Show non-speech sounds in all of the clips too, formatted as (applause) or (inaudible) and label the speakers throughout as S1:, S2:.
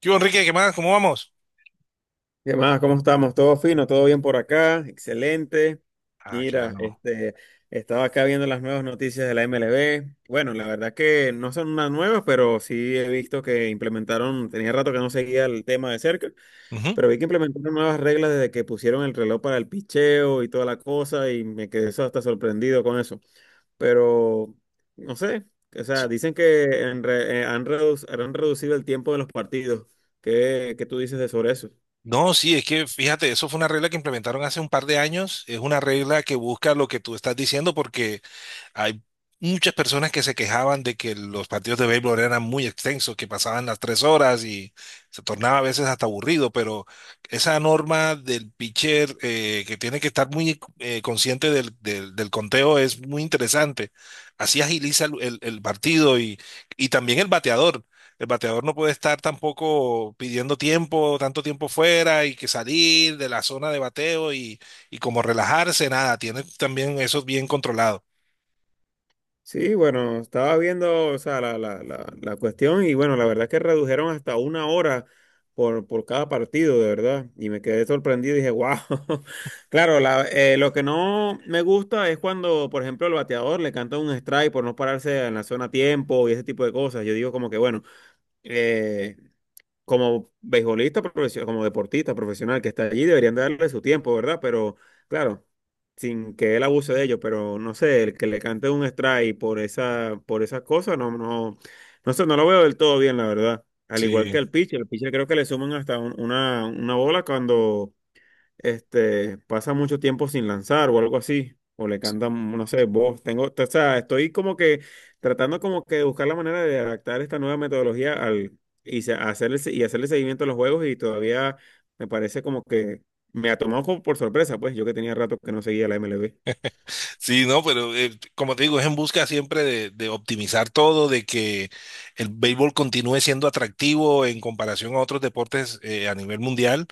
S1: ¿Qué hubo, Enrique? ¿Qué más? ¿Cómo vamos?
S2: ¿Qué más? ¿Cómo estamos? ¿Todo fino? ¿Todo bien por acá? Excelente.
S1: Ah, qué
S2: Mira,
S1: bueno.
S2: este, estaba acá viendo las nuevas noticias de la MLB. Bueno, la verdad que no son unas nuevas, pero sí he visto que implementaron, tenía rato que no seguía el tema de cerca,
S1: Ujú.
S2: pero vi que implementaron nuevas reglas desde que pusieron el reloj para el picheo y toda la cosa, y me quedé hasta sorprendido con eso. Pero, no sé, o sea,
S1: Sí.
S2: dicen que en re- han, reduc- han reducido el tiempo de los partidos. ¿Qué tú dices de sobre eso?
S1: No, sí, es que fíjate, eso fue una regla que implementaron hace un par de años. Es una regla que busca lo que tú estás diciendo porque hay muchas personas que se quejaban de que los partidos de béisbol eran muy extensos, que pasaban las 3 horas y se tornaba a veces hasta aburrido, pero esa norma del pitcher que tiene que estar muy consciente del conteo es muy interesante. Así agiliza el partido y también el bateador. El bateador no puede estar tampoco pidiendo tiempo, tanto tiempo fuera y que salir de la zona de bateo y como relajarse, nada, tiene también eso bien controlado.
S2: Sí, bueno, estaba viendo, o sea, la cuestión y bueno, la verdad es que redujeron hasta una hora por cada partido, de verdad. Y me quedé sorprendido y dije, wow. (laughs) Claro, lo que no me gusta es cuando, por ejemplo, el bateador le canta un strike por no pararse en la zona a tiempo y ese tipo de cosas. Yo digo como que, bueno, eh, como beisbolista, como deportista profesional que está allí, deberían darle su tiempo, ¿verdad? Pero claro, sin que él abuse de ello, pero no sé, el que le cante un strike por esas cosas, no, no, no sé, no lo veo del todo bien, la verdad. Al igual
S1: Sí,
S2: que el pitcher creo que le suman hasta una bola cuando este, pasa mucho tiempo sin lanzar o algo así, o le cantan, no sé, voz. Tengo, o sea, estoy como que tratando como que de buscar la manera de adaptar esta nueva metodología al, y hacerle seguimiento a los juegos y todavía me parece como que me ha tomado como por sorpresa, pues yo que tenía rato que no seguía la MLB.
S1: sí, no, pero como te digo, es en busca siempre de optimizar todo, de que el béisbol continúe siendo atractivo en comparación a otros deportes a nivel mundial,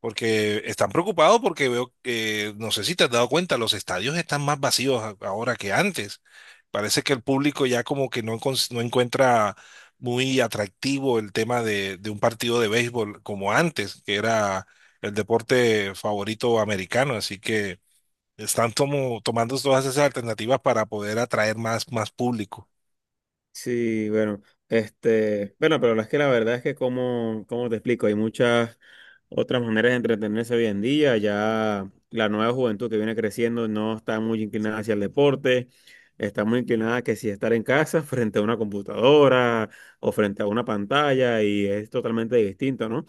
S1: porque están preocupados porque veo, que, no sé si te has dado cuenta, los estadios están más vacíos ahora que antes. Parece que el público ya como que no, no encuentra muy atractivo el tema de un partido de béisbol como antes, que era el deporte favorito americano, así que... Están tomando todas esas alternativas para poder atraer más público.
S2: Sí, bueno, este, bueno, pero es que la verdad es que como te explico, hay muchas otras maneras de entretenerse hoy en día, ya la nueva juventud que viene creciendo no está muy inclinada hacia el deporte, está muy inclinada que si estar en casa (laughs) frente a una computadora o frente a una pantalla y es totalmente distinto, ¿no?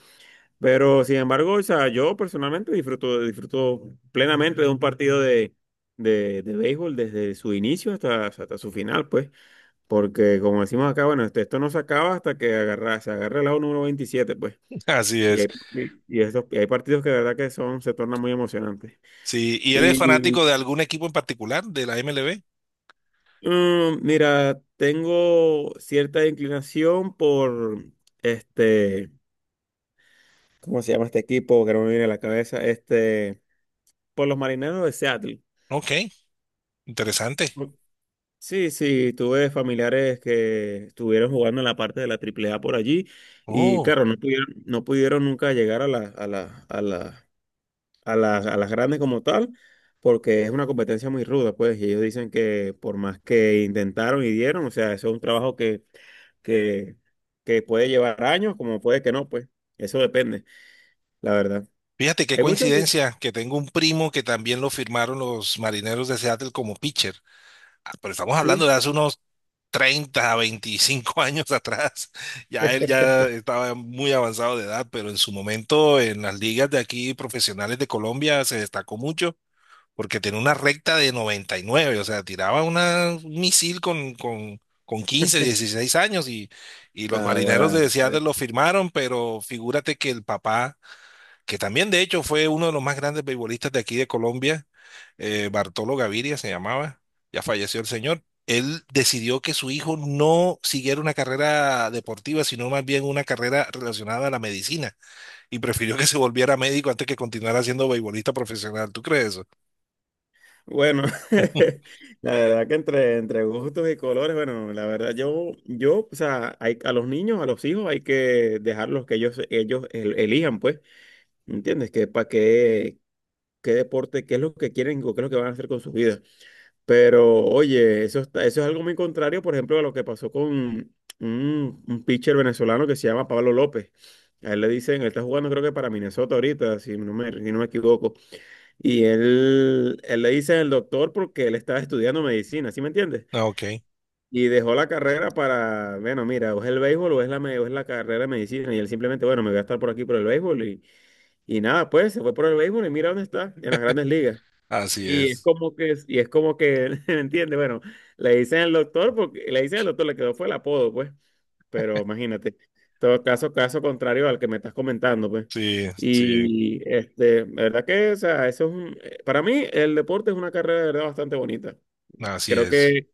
S2: Pero sin embargo, o sea, yo personalmente disfruto plenamente de un partido de, béisbol desde su inicio hasta su final, pues. Porque como decimos acá, bueno, esto no se acaba hasta que se agarre el lado número 27, pues.
S1: (laughs) Así
S2: Y
S1: es.
S2: hay, y hay partidos que de verdad que son, se tornan muy emocionantes.
S1: Sí, ¿y eres
S2: Y
S1: fanático de algún equipo en particular de la MLB?
S2: mira, tengo cierta inclinación por este, ¿cómo se llama este equipo? Que no me viene a la cabeza, este, por los Marineros de Seattle.
S1: Ok, interesante.
S2: Por- Sí, sí, tuve familiares que estuvieron jugando en la parte de la AAA por allí y
S1: Oh,
S2: claro, no pudieron nunca llegar a la, a la, a la a las grandes como tal, porque es una competencia muy ruda, pues, y ellos dicen que por más que intentaron y dieron, o sea, eso es un trabajo que, que puede llevar años, como puede que no, pues, eso depende, la verdad.
S1: fíjate qué
S2: Hay muchos,
S1: coincidencia que tengo un primo que también lo firmaron los Marineros de Seattle como pitcher. Ah, pero estamos hablando
S2: sí.
S1: de hace unos 30 a 25 (laughs) años atrás. Ya él
S2: (laughs)
S1: ya estaba muy avanzado de edad, pero en su momento en las ligas de aquí profesionales de Colombia se destacó mucho porque tenía una recta de 99, o sea, tiraba una, un misil con 15, 16 años y los marineros
S2: Naguará.
S1: de Seattle lo firmaron, pero figúrate que el papá, que también de hecho fue uno de los más grandes beisbolistas de aquí de Colombia, Bartolo Gaviria se llamaba, ya falleció el señor. Él decidió que su hijo no siguiera una carrera deportiva, sino más bien una carrera relacionada a la medicina, y prefirió que se volviera médico antes que continuara siendo beisbolista profesional. ¿Tú crees eso?
S2: Bueno, (laughs) la verdad que entre gustos y colores, bueno, la verdad o sea, hay, a los niños, a los hijos hay que dejarlos que ellos elijan, pues, ¿entiendes? Qué deporte, qué es lo que quieren o qué es lo que van a hacer con sus vidas. Pero oye, eso está, eso es algo muy contrario, por ejemplo, a lo que pasó con un pitcher venezolano que se llama Pablo López. A él le dicen, él está jugando creo que para Minnesota ahorita, si no me equivoco. Y él le dice el doctor porque él estaba estudiando medicina, ¿sí me entiendes?
S1: Ah, ok.
S2: Y dejó la carrera para, bueno, mira, o es el béisbol o es o es la carrera de medicina. Y él simplemente, bueno, me voy a estar por aquí por el béisbol y nada, pues se fue por el béisbol y mira dónde está, en las grandes ligas.
S1: Así es,
S2: (laughs) ¿Me entiendes? Bueno, le dicen al doctor, porque le dicen al doctor, le quedó fue el apodo, pues. Pero imagínate, todo caso, caso contrario al que me estás comentando, pues.
S1: sí, sí,
S2: Y este, la verdad que, o sea, eso es un, para mí el deporte es una carrera de verdad bastante bonita.
S1: así
S2: Creo
S1: es.
S2: que,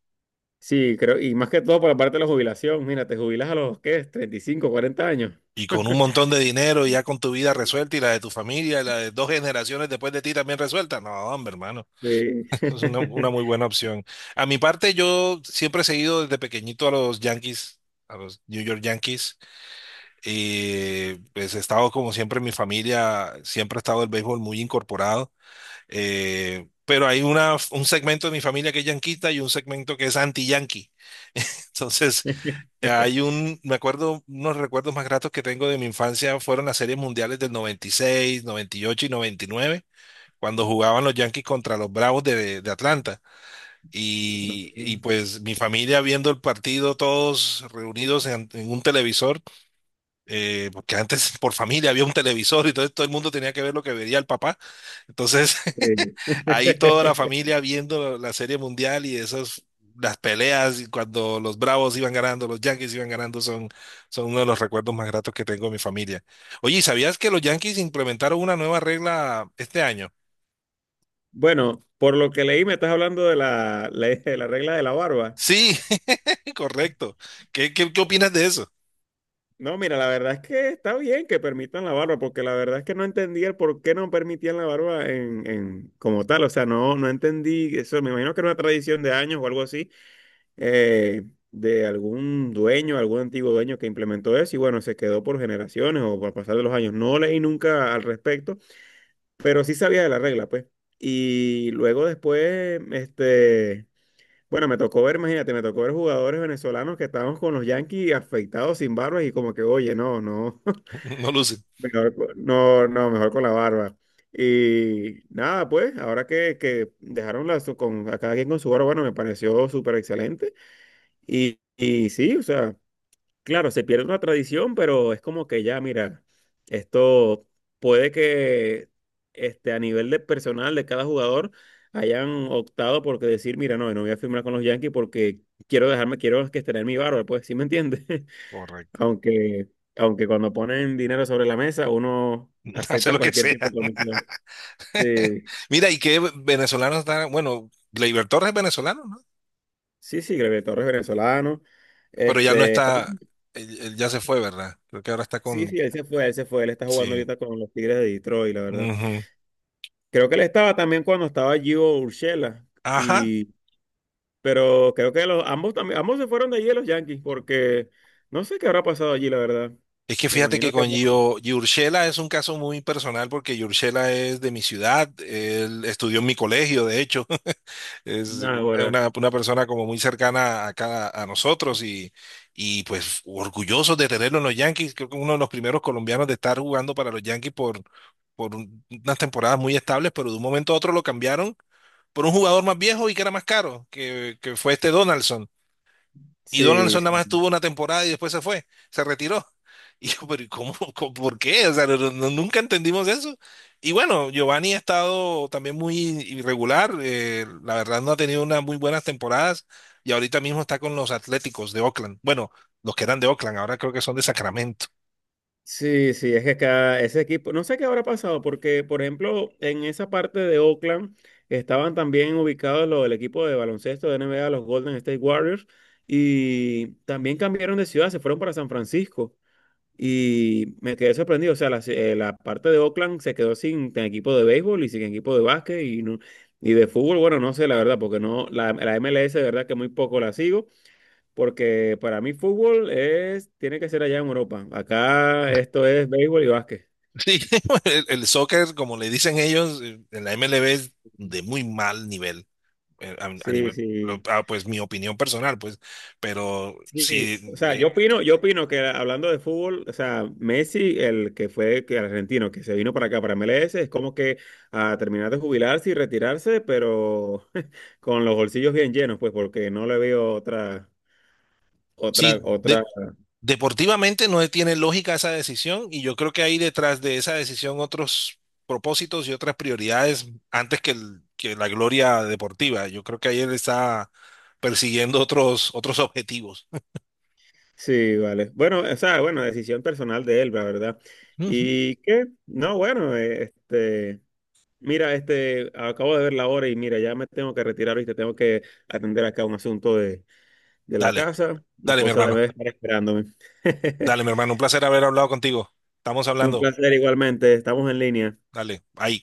S2: sí, creo, y más que todo por la parte de la jubilación, mira, te jubilas a los, ¿qué? Es 35, 40 años.
S1: Y con un montón de dinero, y ya con tu vida resuelta y la de tu familia, y la de dos generaciones después de ti también resuelta. No, hombre, hermano,
S2: Sí.
S1: (laughs) es una muy
S2: (laughs)
S1: buena opción. A mi parte, yo siempre he seguido desde pequeñito a los Yankees, a los New York Yankees, y pues he estado como siempre en mi familia, siempre ha estado el béisbol muy incorporado. Pero hay una, un segmento de mi familia que es yanquita y un segmento que es anti-yankee. (laughs) Entonces,
S2: (laughs)
S1: hay un, me acuerdo, unos recuerdos más gratos que tengo de mi infancia fueron las series mundiales del noventa y seis, noventa y ocho y noventa y nueve, cuando jugaban los Yankees contra los Bravos de Atlanta.
S2: No,
S1: Y pues mi familia viendo el partido, todos reunidos en un televisor porque antes por familia había un televisor y entonces todo el mundo tenía que ver lo que veía el papá. Entonces, (laughs)
S2: sí.
S1: ahí toda la
S2: (laughs)
S1: familia viendo la Serie Mundial y esas, las peleas y cuando los Bravos iban ganando, los Yankees iban ganando, son, son uno de los recuerdos más gratos que tengo de mi familia. Oye, ¿sabías que los Yankees implementaron una nueva regla este año?
S2: Bueno, por lo que leí, me estás hablando de de la regla de la barba.
S1: Sí, (laughs) correcto. ¿Qué opinas de eso?
S2: No, mira, la verdad es que está bien que permitan la barba, porque la verdad es que no entendía el por qué no permitían la barba como tal. O sea, no, no entendí eso. Me imagino que era una tradición de años o algo así, eh, de algún dueño, algún antiguo dueño que implementó eso y bueno, se quedó por generaciones o por pasar de los años. No leí nunca al respecto, pero sí sabía de la regla, pues. Y luego después, este, bueno, me tocó ver, imagínate, me tocó ver jugadores venezolanos que estábamos con los Yankees afeitados sin barbas y como que, oye, no, no, (laughs)
S1: (laughs) No lucen.
S2: mejor, no, no, mejor con la barba. Y nada, pues, ahora que dejaron con, a cada quien con su barba, bueno, me pareció súper excelente. Y sí, o sea. Claro, se pierde una tradición, pero es como que ya, mira, esto puede que este, a nivel de personal de cada jugador hayan optado por que decir, mira, no, no voy a firmar con los Yankees porque quiero dejarme, quiero que tener mi barba, pues, ¿sí me entiendes? (laughs)
S1: Correcto.
S2: Aunque, aunque cuando ponen dinero sobre la mesa, uno
S1: (laughs) Hace
S2: acepta
S1: lo que
S2: cualquier tipo
S1: sea.
S2: de condición.
S1: (laughs)
S2: Sí,
S1: Mira, y que venezolano está, bueno, Gleyber Torres es venezolano, ¿no?
S2: sí, sí, Gabriel Torres venezolano.
S1: Pero ya no
S2: Este,
S1: está, él ya se fue, ¿verdad? Creo que ahora está
S2: sí,
S1: con,
S2: sí, él se fue, él está jugando
S1: sí.
S2: ahorita con los Tigres de Detroit, la verdad.
S1: Ujú.
S2: Creo que él estaba también cuando estaba Gio Urshela
S1: Ajá.
S2: y pero creo que los ambos también ambos se fueron de allí los Yankees porque no sé qué habrá pasado allí, la verdad.
S1: Es que
S2: Me
S1: fíjate que
S2: imagino que
S1: con
S2: no.
S1: Giurchela es un caso muy personal porque Giurchela es de mi ciudad, él estudió en mi colegio, de hecho, es
S2: Nada,
S1: una,
S2: ahora.
S1: una- una persona como muy cercana a cada a nosotros y pues orgullosos de tenerlo en los Yankees. Creo que uno de los primeros colombianos de estar jugando para los Yankees por unas temporadas muy estables, pero de un momento a otro lo cambiaron por un jugador más viejo y que era más caro, que fue este Donaldson. Y
S2: Sí,
S1: Donaldson nada más
S2: sí.
S1: estuvo una temporada y después se fue, se retiró. (laughs) Y yo, pero ¿y por qué? O sea, nunca entendimos eso. Y bueno, Giovanni ha estado también muy irregular, la verdad no ha tenido unas muy buenas temporadas y ahorita mismo está con los Atléticos de Oakland. Bueno, los que eran de Oakland, ahora creo que son de Sacramento.
S2: Sí, sí, es que cada, ese equipo, no sé qué habrá pasado, porque, por ejemplo, en esa parte de Oakland estaban también ubicados los del equipo de baloncesto de NBA, los Golden State Warriors, y también cambiaron de ciudad, se fueron para San Francisco. Y me quedé sorprendido. O sea, la parte de Oakland se quedó sin equipo de béisbol y sin equipo de básquet y, y de fútbol. Bueno, no sé, la verdad, porque no, la MLS, de verdad que muy poco la sigo, porque para mí fútbol es, tiene que ser allá en Europa. Acá esto es béisbol y básquet.
S1: Sí, (laughs) el soccer, como le dicen ellos, en la MLB es de muy mal nivel, a,
S2: Sí,
S1: nivel,
S2: sí.
S1: pues mi opinión personal, pues, pero
S2: Sí, o
S1: sí,
S2: sea, yo opino que hablando de fútbol, o sea, Messi, el que fue que el argentino, que se vino para acá, para MLS, es como que a terminar de jubilarse y retirarse, pero (laughs) con los bolsillos bien llenos, pues, porque no le veo otra, otra,
S1: sí,
S2: otra.
S1: deportivamente no tiene lógica esa decisión y yo creo que hay detrás de esa decisión otros propósitos y otras prioridades antes que, que la gloria deportiva. Yo creo que ahí él está persiguiendo otros objetivos.
S2: Sí, vale. Bueno, o sea, bueno, decisión personal de él, la verdad.
S1: Ujú.
S2: ¿Y qué? No, bueno, este, mira, este, acabo de ver la hora y mira, ya me tengo que retirar, ¿viste? Tengo que atender acá un asunto de la
S1: Dale,
S2: casa. Mi
S1: dale, mi
S2: esposa
S1: hermano.
S2: debe estar esperándome. (laughs)
S1: Dale, mi hermano. Un placer haber hablado contigo. Estamos
S2: Un
S1: hablando.
S2: placer igualmente. Estamos en línea.
S1: Dale, ahí.